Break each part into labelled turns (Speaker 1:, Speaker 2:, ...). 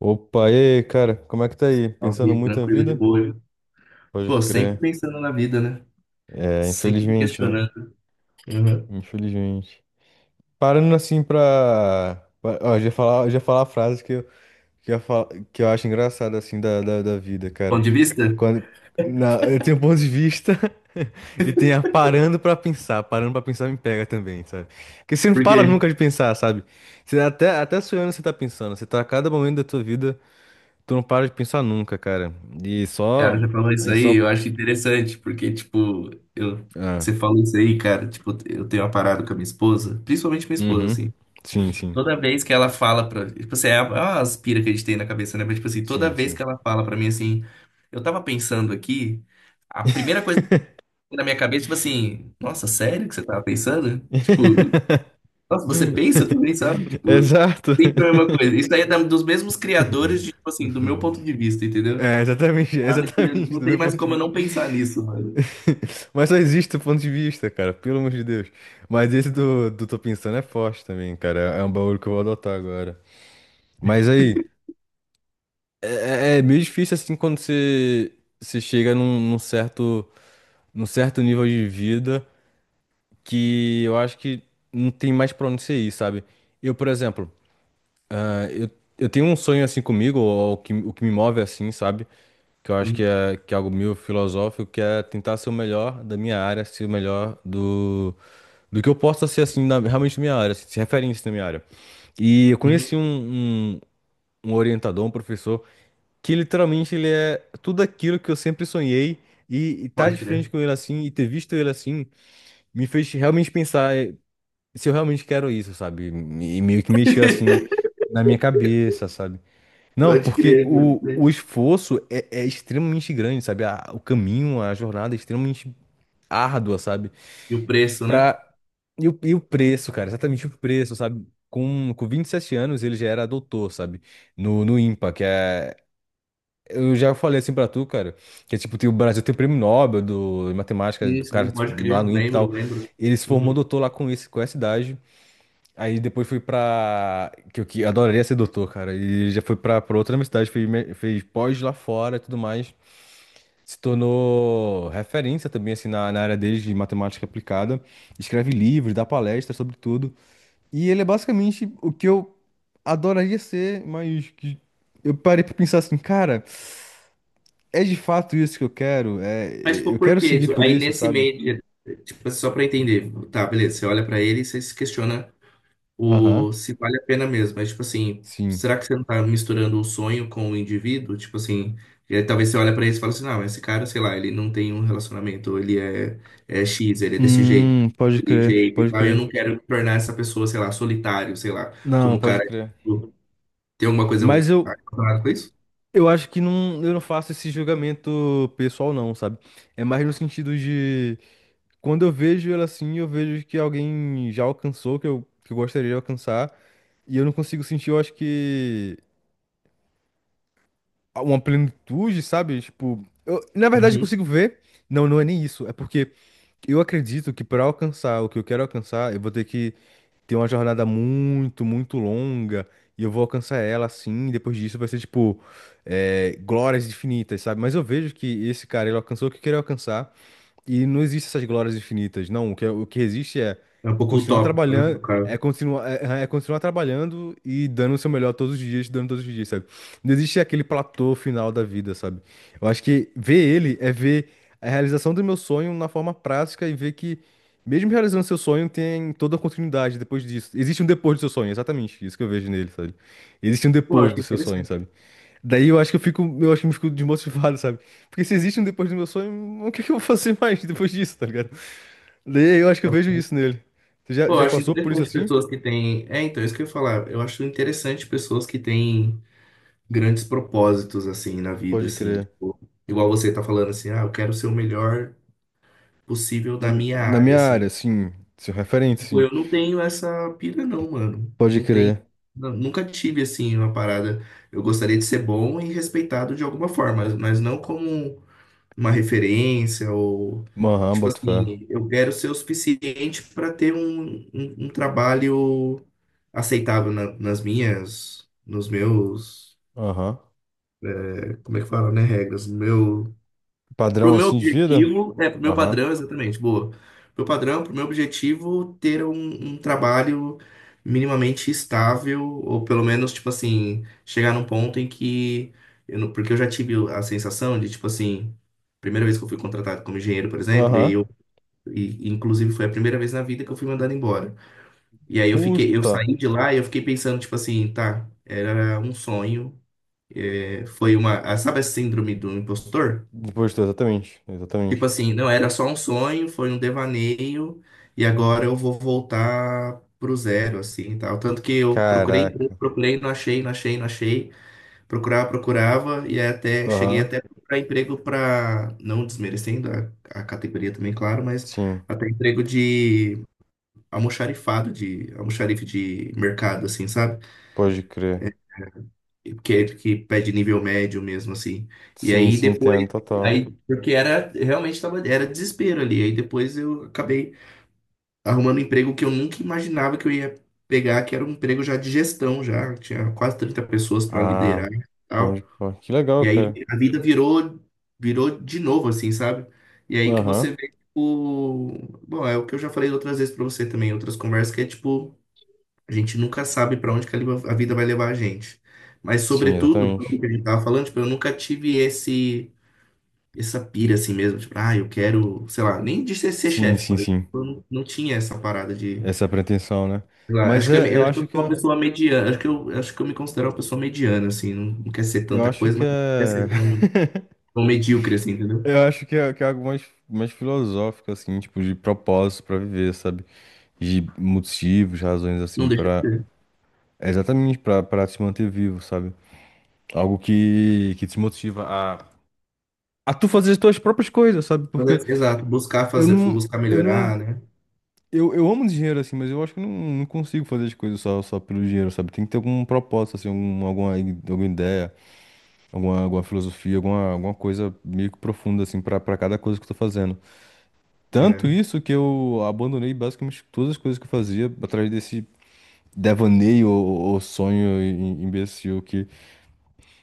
Speaker 1: Opa, e aí, cara, como é que tá aí?
Speaker 2: Ao
Speaker 1: Pensando
Speaker 2: vivo,
Speaker 1: muito na
Speaker 2: tranquilo, de
Speaker 1: vida?
Speaker 2: boa.
Speaker 1: Pode
Speaker 2: Pô, sempre
Speaker 1: crer.
Speaker 2: pensando na vida, né?
Speaker 1: É,
Speaker 2: Sempre me
Speaker 1: infelizmente, né?
Speaker 2: questionando. Uhum.
Speaker 1: Infelizmente. Parando assim pra. Ó, já falar a frase que eu, fa, que eu acho engraçada, assim, da vida, cara.
Speaker 2: Ponto de vista?
Speaker 1: Quando. Na... Eu tenho ponto de vista e tenho a parando pra pensar. Parando pra pensar me pega também, sabe? Porque você não
Speaker 2: Por
Speaker 1: para
Speaker 2: quê?
Speaker 1: nunca de pensar, sabe? Você até, até sonhando você tá pensando. Você tá a cada momento da tua vida, tu não para de pensar nunca, cara. E
Speaker 2: Cara,
Speaker 1: só.
Speaker 2: já falou
Speaker 1: A
Speaker 2: isso
Speaker 1: gente só
Speaker 2: aí, eu acho interessante, porque, tipo,
Speaker 1: ah
Speaker 2: você falou isso aí, cara, tipo, eu tenho uma parada com a minha esposa, principalmente minha esposa,
Speaker 1: uhum.
Speaker 2: assim.
Speaker 1: Sim, sim.
Speaker 2: Toda vez que ela fala pra. Tipo assim, é uma aspira que a gente tem na cabeça, né? Mas, tipo assim, toda
Speaker 1: Sim,
Speaker 2: vez
Speaker 1: sim.
Speaker 2: que ela fala pra mim assim, eu tava pensando aqui, a primeira coisa que vem na minha cabeça, tipo assim, nossa, sério que você tava pensando? Tipo, nossa, você pensa também, sabe? Tipo,
Speaker 1: Exato.
Speaker 2: sempre a mesma coisa. Isso aí é dos mesmos criadores, de, tipo assim, do meu
Speaker 1: Uhum.
Speaker 2: ponto de vista, entendeu?
Speaker 1: É, exatamente,
Speaker 2: Parada que
Speaker 1: exatamente,
Speaker 2: não
Speaker 1: do
Speaker 2: tem
Speaker 1: meu
Speaker 2: mais
Speaker 1: ponto de
Speaker 2: como eu
Speaker 1: vista.
Speaker 2: não pensar nisso, mano.
Speaker 1: Mas só existe o ponto de vista, cara, pelo amor de Deus. Mas esse do Tô Pensando é forte também, cara. É um bagulho que eu vou adotar agora. Mas aí, é meio difícil assim quando você, você chega num certo, num certo nível de vida que eu acho que não tem mais pra onde você ir, sabe? Eu, por exemplo. Ah, eu, eu tenho um sonho assim comigo, ou o que me move assim, sabe? Que eu acho que
Speaker 2: Hum,
Speaker 1: é, que é algo meio filosófico, que é tentar ser o melhor da minha área, ser o melhor do, do que eu possa ser assim, na, realmente na minha área, assim, ser referência na minha área. E eu conheci
Speaker 2: hum,
Speaker 1: um orientador, um professor, que literalmente ele é tudo aquilo que eu sempre sonhei, e estar tá de
Speaker 2: pode
Speaker 1: frente
Speaker 2: crer.
Speaker 1: com ele assim, e ter visto ele assim, me fez realmente pensar se eu realmente quero isso, sabe? E meio que mexeu assim na minha cabeça, sabe? Não,
Speaker 2: Pode
Speaker 1: porque
Speaker 2: crer, pode
Speaker 1: o
Speaker 2: crer.
Speaker 1: esforço é extremamente grande, sabe? O caminho, a jornada é extremamente árdua, sabe?
Speaker 2: E o preço, né?
Speaker 1: Pra... E o preço, cara, exatamente o preço, sabe? Com 27 anos ele já era doutor, sabe? No IMPA, que é. Eu já falei assim pra tu, cara, que é tipo, tem, o Brasil tem o prêmio Nobel do, de matemática, do
Speaker 2: Isso, sim,
Speaker 1: cara
Speaker 2: pode
Speaker 1: lá
Speaker 2: crer.
Speaker 1: no IMPA e
Speaker 2: Lembro,
Speaker 1: tal.
Speaker 2: lembro.
Speaker 1: Ele se formou
Speaker 2: Uhum.
Speaker 1: doutor lá com, esse, com essa idade. Aí depois fui pra. Que eu que adoraria ser doutor, cara. E já fui pra, pra outra universidade, fez, fez pós lá fora e tudo mais. Se tornou referência também, assim, na, na área dele de matemática aplicada. Escreve livros, dá palestras sobre tudo. E ele é basicamente o que eu adoraria ser, mas que eu parei pra pensar assim, cara, é de fato isso que eu quero? É,
Speaker 2: Mas, tipo,
Speaker 1: eu
Speaker 2: por
Speaker 1: quero
Speaker 2: quê?
Speaker 1: seguir
Speaker 2: Tipo,
Speaker 1: por
Speaker 2: aí
Speaker 1: isso,
Speaker 2: nesse
Speaker 1: sabe?
Speaker 2: meio, tipo, só pra entender. Tá, beleza, você olha pra ele e você se questiona.
Speaker 1: Aham,
Speaker 2: O, se vale a pena mesmo. Mas, tipo assim,
Speaker 1: sim.
Speaker 2: será que você não tá misturando o sonho com o indivíduo? Tipo assim, e aí talvez você olha pra ele e fala assim, não, esse cara, sei lá, ele não tem um relacionamento, ele é, é X, ele é desse jeito,
Speaker 1: Pode
Speaker 2: daquele
Speaker 1: crer,
Speaker 2: jeito e
Speaker 1: pode
Speaker 2: tal. E eu
Speaker 1: crer.
Speaker 2: não quero me tornar essa pessoa, sei lá, solitário, sei lá, como
Speaker 1: Não,
Speaker 2: o
Speaker 1: pode
Speaker 2: cara.
Speaker 1: crer.
Speaker 2: Tipo, tem alguma coisa
Speaker 1: Mas eu,
Speaker 2: relacionada com isso?
Speaker 1: Eu acho que não, eu não faço esse julgamento pessoal, não, sabe? É mais no sentido de quando eu vejo ela assim, eu vejo que alguém já alcançou, que eu gostaria de alcançar, e eu não consigo sentir, eu acho que uma plenitude, sabe? Tipo, eu, na verdade eu
Speaker 2: Uhum.
Speaker 1: consigo ver. Não, não é nem isso. É porque eu acredito que para alcançar o que eu quero alcançar, eu vou ter que tem uma jornada muito longa e eu vou alcançar ela assim. E depois disso vai ser tipo glórias infinitas, sabe? Mas eu vejo que esse cara ele alcançou o que queria alcançar e não existe essas glórias infinitas, não. O que, o que existe é
Speaker 2: É um pouco
Speaker 1: continuar
Speaker 2: utópico, né,
Speaker 1: trabalhando,
Speaker 2: do
Speaker 1: é
Speaker 2: cara.
Speaker 1: continuar, é continuar trabalhando e dando o seu melhor todos os dias, dando todos os dias, sabe? Não existe aquele platô final da vida, sabe? Eu acho que ver ele é ver a realização do meu sonho na forma prática e ver que, mesmo realizando seu sonho, tem toda a continuidade depois disso. Existe um depois do seu sonho, exatamente isso que eu vejo nele, sabe? Existe um
Speaker 2: Pô, eu
Speaker 1: depois
Speaker 2: acho
Speaker 1: do seu sonho,
Speaker 2: interessante.
Speaker 1: sabe? Daí eu acho que eu fico, eu acho que eu fico desmotivado, sabe? Porque se existe um depois do meu sonho, o que que eu vou fazer mais depois disso, tá ligado? Daí eu acho que eu vejo isso nele. Você já,
Speaker 2: Pô, eu
Speaker 1: já
Speaker 2: acho
Speaker 1: passou por isso
Speaker 2: interessante
Speaker 1: assim?
Speaker 2: pessoas que têm. É, então, isso que eu ia falar. Eu acho interessante pessoas que têm grandes propósitos, assim, na vida,
Speaker 1: Pode
Speaker 2: assim.
Speaker 1: crer.
Speaker 2: Tipo, igual você tá falando, assim, ah, eu quero ser o melhor possível
Speaker 1: Na,
Speaker 2: da minha
Speaker 1: na
Speaker 2: área,
Speaker 1: minha
Speaker 2: assim.
Speaker 1: área, sim. Seu referente,
Speaker 2: Tipo,
Speaker 1: sim.
Speaker 2: eu não tenho essa pira, não, mano.
Speaker 1: Pode
Speaker 2: Não tenho.
Speaker 1: crer.
Speaker 2: Nunca tive, assim, uma parada. Eu gostaria de ser bom e respeitado de alguma forma, mas não como uma referência ou.
Speaker 1: Aham,
Speaker 2: Tipo
Speaker 1: boto fé.
Speaker 2: assim, eu quero ser o suficiente para ter um trabalho aceitável nas minhas, nos meus,
Speaker 1: Aham.
Speaker 2: como é que fala, né? Regras, no meu, pro
Speaker 1: Padrão
Speaker 2: meu
Speaker 1: assim de vida?
Speaker 2: objetivo, é, pro meu
Speaker 1: Aham.
Speaker 2: padrão, exatamente, boa. Pro padrão, pro meu objetivo, ter um, um trabalho minimamente estável, ou pelo menos, tipo assim, chegar num ponto em que. Eu não, porque eu já tive a sensação de, tipo assim, primeira vez que eu fui contratado como engenheiro, por exemplo, e
Speaker 1: Aham.
Speaker 2: eu. E, inclusive, foi a primeira vez na vida que eu fui mandado embora. E aí eu fiquei, eu
Speaker 1: Puta.
Speaker 2: saí de lá e eu fiquei pensando, tipo assim, tá, era um sonho. É, foi uma. Ah, sabe a síndrome do impostor?
Speaker 1: Depois do, exatamente.
Speaker 2: Tipo
Speaker 1: Exatamente.
Speaker 2: assim, não era só um sonho, foi um devaneio, e agora eu vou voltar pro zero, assim, tal. Tanto que eu procurei,
Speaker 1: Caraca.
Speaker 2: procurei, não achei, não achei, não achei. Procurava, procurava, e aí até cheguei
Speaker 1: Aham.
Speaker 2: até para emprego para, não desmerecendo a categoria também, claro, mas
Speaker 1: Sim.
Speaker 2: até emprego de almoxarifado, de almoxarife de mercado, assim, sabe?
Speaker 1: Pode crer.
Speaker 2: Que, que pede nível médio mesmo, assim. E
Speaker 1: Sim,
Speaker 2: aí
Speaker 1: sim,
Speaker 2: depois,
Speaker 1: entendo, total.
Speaker 2: aí, porque era, realmente tava, era desespero ali. Aí depois eu acabei arrumando um emprego que eu nunca imaginava que eu ia pegar, que era um emprego já de gestão, já. Tinha quase 30 pessoas para
Speaker 1: Ah,
Speaker 2: liderar e
Speaker 1: pode,
Speaker 2: tal.
Speaker 1: pô, que legal,
Speaker 2: E aí
Speaker 1: cara.
Speaker 2: a vida virou, virou de novo, assim, sabe? E aí que
Speaker 1: Aham.
Speaker 2: você vê, tipo, bom, é o que eu já falei outras vezes para você também, outras conversas, que é tipo, a gente nunca sabe para onde que a a vida vai levar a gente. Mas,
Speaker 1: Sim,
Speaker 2: sobretudo, sobre o
Speaker 1: exatamente.
Speaker 2: que a gente tava falando, tipo, eu nunca tive esse, essa pira assim mesmo. Tipo, ah, eu quero, sei lá, nem de ser, ser
Speaker 1: Sim,
Speaker 2: chefe,
Speaker 1: sim,
Speaker 2: por exemplo.
Speaker 1: sim.
Speaker 2: Eu não, não tinha essa parada de.
Speaker 1: Essa é a pretensão, né?
Speaker 2: Sei lá,
Speaker 1: Mas
Speaker 2: acho que
Speaker 1: é,
Speaker 2: eu
Speaker 1: eu
Speaker 2: acho que
Speaker 1: acho
Speaker 2: eu
Speaker 1: que
Speaker 2: sou uma
Speaker 1: é,
Speaker 2: pessoa mediana. Acho que eu me considero uma pessoa mediana, assim. Não, não quer ser
Speaker 1: eu
Speaker 2: tanta
Speaker 1: acho
Speaker 2: coisa,
Speaker 1: que
Speaker 2: mas não quer
Speaker 1: é,
Speaker 2: ser tão, tão medíocre, assim, entendeu?
Speaker 1: eu acho que é algo mais, mais filosófico, assim, tipo, de propósito pra viver, sabe? De motivos, razões, assim,
Speaker 2: Não deixa de
Speaker 1: pra,
Speaker 2: ser.
Speaker 1: é exatamente pra, pra se manter vivo, sabe? Algo que te motiva a tu fazer as tuas próprias coisas, sabe?
Speaker 2: Mas,
Speaker 1: Porque
Speaker 2: exato, buscar
Speaker 1: eu
Speaker 2: fazer,
Speaker 1: não,
Speaker 2: buscar
Speaker 1: eu não
Speaker 2: melhorar, né?
Speaker 1: Eu, eu amo dinheiro, assim, mas eu acho que eu não, não consigo fazer as coisas só, só pelo dinheiro, sabe? Tem que ter algum propósito, assim, algum, alguma, alguma ideia, alguma, alguma filosofia, alguma, alguma coisa meio que profunda, assim, pra, pra cada coisa que eu tô fazendo. Tanto
Speaker 2: É.
Speaker 1: isso que eu abandonei basicamente todas as coisas que eu fazia atrás desse devaneio ou sonho imbecil que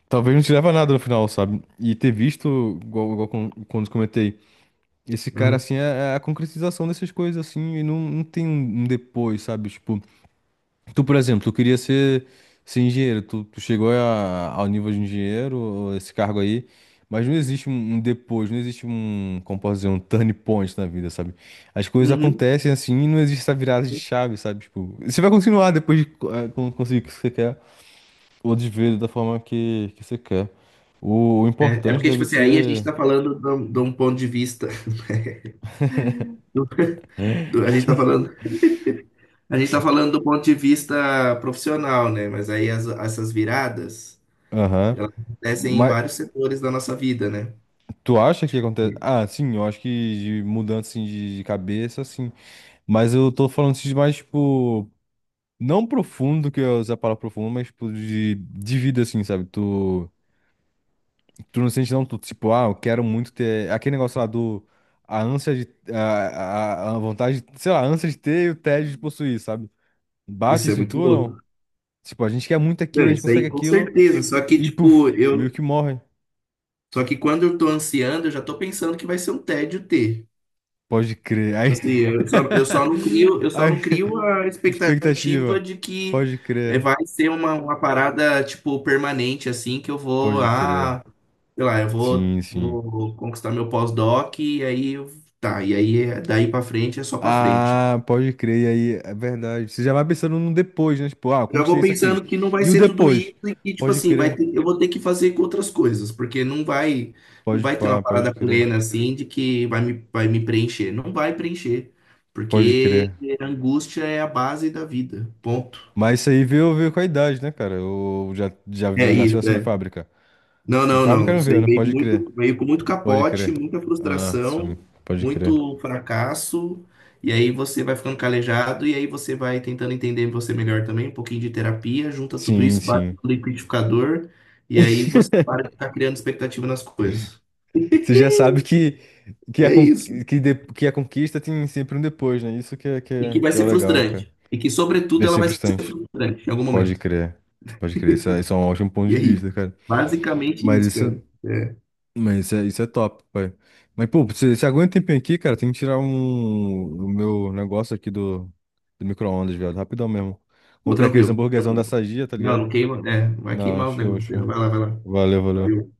Speaker 1: talvez não te leva a nada no final, sabe? E ter visto, igual, quando comentei, esse cara,
Speaker 2: Uhum.
Speaker 1: assim, é é a concretização dessas coisas, assim, e não, não tem um um depois, sabe? Tipo. Tu, por exemplo, ser engenheiro, tu, tu chegou ao nível de engenheiro, ou esse cargo aí, mas não existe um, um depois, não existe um, como posso dizer, um turning point na vida, sabe? As coisas
Speaker 2: Uhum.
Speaker 1: acontecem assim e não existe essa virada de chave, sabe? Tipo, você vai continuar depois de conseguir o que você quer, ou de ver da forma que você quer. O
Speaker 2: É, é
Speaker 1: importante
Speaker 2: porque, tipo
Speaker 1: deve
Speaker 2: assim, aí a gente
Speaker 1: ser.
Speaker 2: tá falando de um ponto de vista. do- a gente tá falando, a gente tá falando do ponto de vista profissional, né? Mas aí essas viradas,
Speaker 1: Aham.
Speaker 2: elas acontecem em
Speaker 1: Mas
Speaker 2: vários setores da nossa vida, né?
Speaker 1: tu acha que
Speaker 2: Tipo,
Speaker 1: acontece? Ah, sim, eu acho que de mudança assim, de cabeça, sim. Mas eu tô falando assim de mais, tipo, não profundo, que eu ia usar a palavra profundo, mas, tipo, de vida, assim, sabe? Tu, tu não sente, não, tu, tipo, ah, eu quero muito ter. Aquele negócio lá do. A ânsia de. A vontade, sei lá, a ânsia de ter e o tédio de possuir, sabe? Bate
Speaker 2: isso é
Speaker 1: isso em tu,
Speaker 2: muito
Speaker 1: ou
Speaker 2: louco.
Speaker 1: não? Tipo, a gente quer muito aquilo,
Speaker 2: Não,
Speaker 1: a gente
Speaker 2: isso aí
Speaker 1: consegue
Speaker 2: com
Speaker 1: aquilo
Speaker 2: certeza. Só que,
Speaker 1: e,
Speaker 2: tipo,
Speaker 1: puf, meio
Speaker 2: eu.
Speaker 1: que morre.
Speaker 2: Só que quando eu tô ansiando, eu já tô pensando que vai ser um tédio ter.
Speaker 1: Pode crer. Aí.
Speaker 2: Assim, eu só não crio, eu só
Speaker 1: Aí.
Speaker 2: não crio a expectativa
Speaker 1: Expectativa.
Speaker 2: de que
Speaker 1: Pode crer.
Speaker 2: vai ser uma parada, tipo, permanente, assim, que eu vou,
Speaker 1: Pode crer.
Speaker 2: ah, sei lá, eu vou,
Speaker 1: Sim, sim.
Speaker 2: vou conquistar meu pós-doc e aí, tá, e aí, daí pra frente é só pra frente.
Speaker 1: Ah, pode crer, e aí, é verdade. Você já vai pensando no depois, né? Tipo, ah, eu
Speaker 2: Já
Speaker 1: conquistei
Speaker 2: vou
Speaker 1: isso aqui.
Speaker 2: pensando que não vai
Speaker 1: E o
Speaker 2: ser tudo
Speaker 1: depois?
Speaker 2: isso e que, tipo
Speaker 1: Pode
Speaker 2: assim, vai
Speaker 1: crer,
Speaker 2: ter, eu vou ter que fazer com outras coisas, porque não vai, não
Speaker 1: pode
Speaker 2: vai ter
Speaker 1: pá,
Speaker 2: uma
Speaker 1: pode
Speaker 2: parada
Speaker 1: crer,
Speaker 2: plena assim de que vai vai me preencher. Não vai preencher,
Speaker 1: pode crer.
Speaker 2: porque a angústia é a base da vida. Ponto.
Speaker 1: Mas isso aí veio, veio com a idade, né, cara? Eu já
Speaker 2: É
Speaker 1: nasceu
Speaker 2: isso,
Speaker 1: assim de
Speaker 2: é.
Speaker 1: fábrica.
Speaker 2: Não,
Speaker 1: De
Speaker 2: não,
Speaker 1: fábrica
Speaker 2: não.
Speaker 1: não
Speaker 2: Isso
Speaker 1: veio,
Speaker 2: aí
Speaker 1: né?
Speaker 2: veio
Speaker 1: Pode crer,
Speaker 2: muito, veio com muito
Speaker 1: pode
Speaker 2: capote,
Speaker 1: crer.
Speaker 2: muita
Speaker 1: Ah, sim,
Speaker 2: frustração,
Speaker 1: pode crer.
Speaker 2: muito fracasso. E aí você vai ficando calejado e aí você vai tentando entender você melhor também, um pouquinho de terapia, junta tudo
Speaker 1: Sim,
Speaker 2: isso, bate
Speaker 1: sim.
Speaker 2: no liquidificador e aí você para de ficar criando expectativa nas coisas.
Speaker 1: Você já sabe que, a,
Speaker 2: É
Speaker 1: con-
Speaker 2: isso.
Speaker 1: que a conquista tem sempre um depois, né? Isso que é, que
Speaker 2: E que
Speaker 1: é,
Speaker 2: vai
Speaker 1: que é o
Speaker 2: ser
Speaker 1: legal, cara.
Speaker 2: frustrante. E que, sobretudo,
Speaker 1: Deve
Speaker 2: ela
Speaker 1: ser
Speaker 2: vai ser
Speaker 1: frustrante.
Speaker 2: frustrante em algum
Speaker 1: Pode
Speaker 2: momento.
Speaker 1: crer, pode crer. Isso é um ótimo ponto
Speaker 2: E
Speaker 1: de
Speaker 2: é
Speaker 1: vista,
Speaker 2: isso.
Speaker 1: cara.
Speaker 2: Basicamente
Speaker 1: Mas
Speaker 2: isso,
Speaker 1: isso,
Speaker 2: cara. É.
Speaker 1: isso é top, pai. Mas, pô, você, você aguenta um tempinho aqui, cara? Tem que tirar um, o meu negócio aqui do, do micro-ondas, viado. Rapidão mesmo.
Speaker 2: Pô,
Speaker 1: Comprei aqueles
Speaker 2: tranquilo,
Speaker 1: hamburguesão da
Speaker 2: tranquilo.
Speaker 1: Sadia, tá
Speaker 2: Não,
Speaker 1: ligado?
Speaker 2: não queima. É, não vai
Speaker 1: Não,
Speaker 2: queimar os
Speaker 1: show,
Speaker 2: negócios aí, não.
Speaker 1: show.
Speaker 2: Vai lá, vai lá.
Speaker 1: Valeu, valeu.
Speaker 2: Valeu.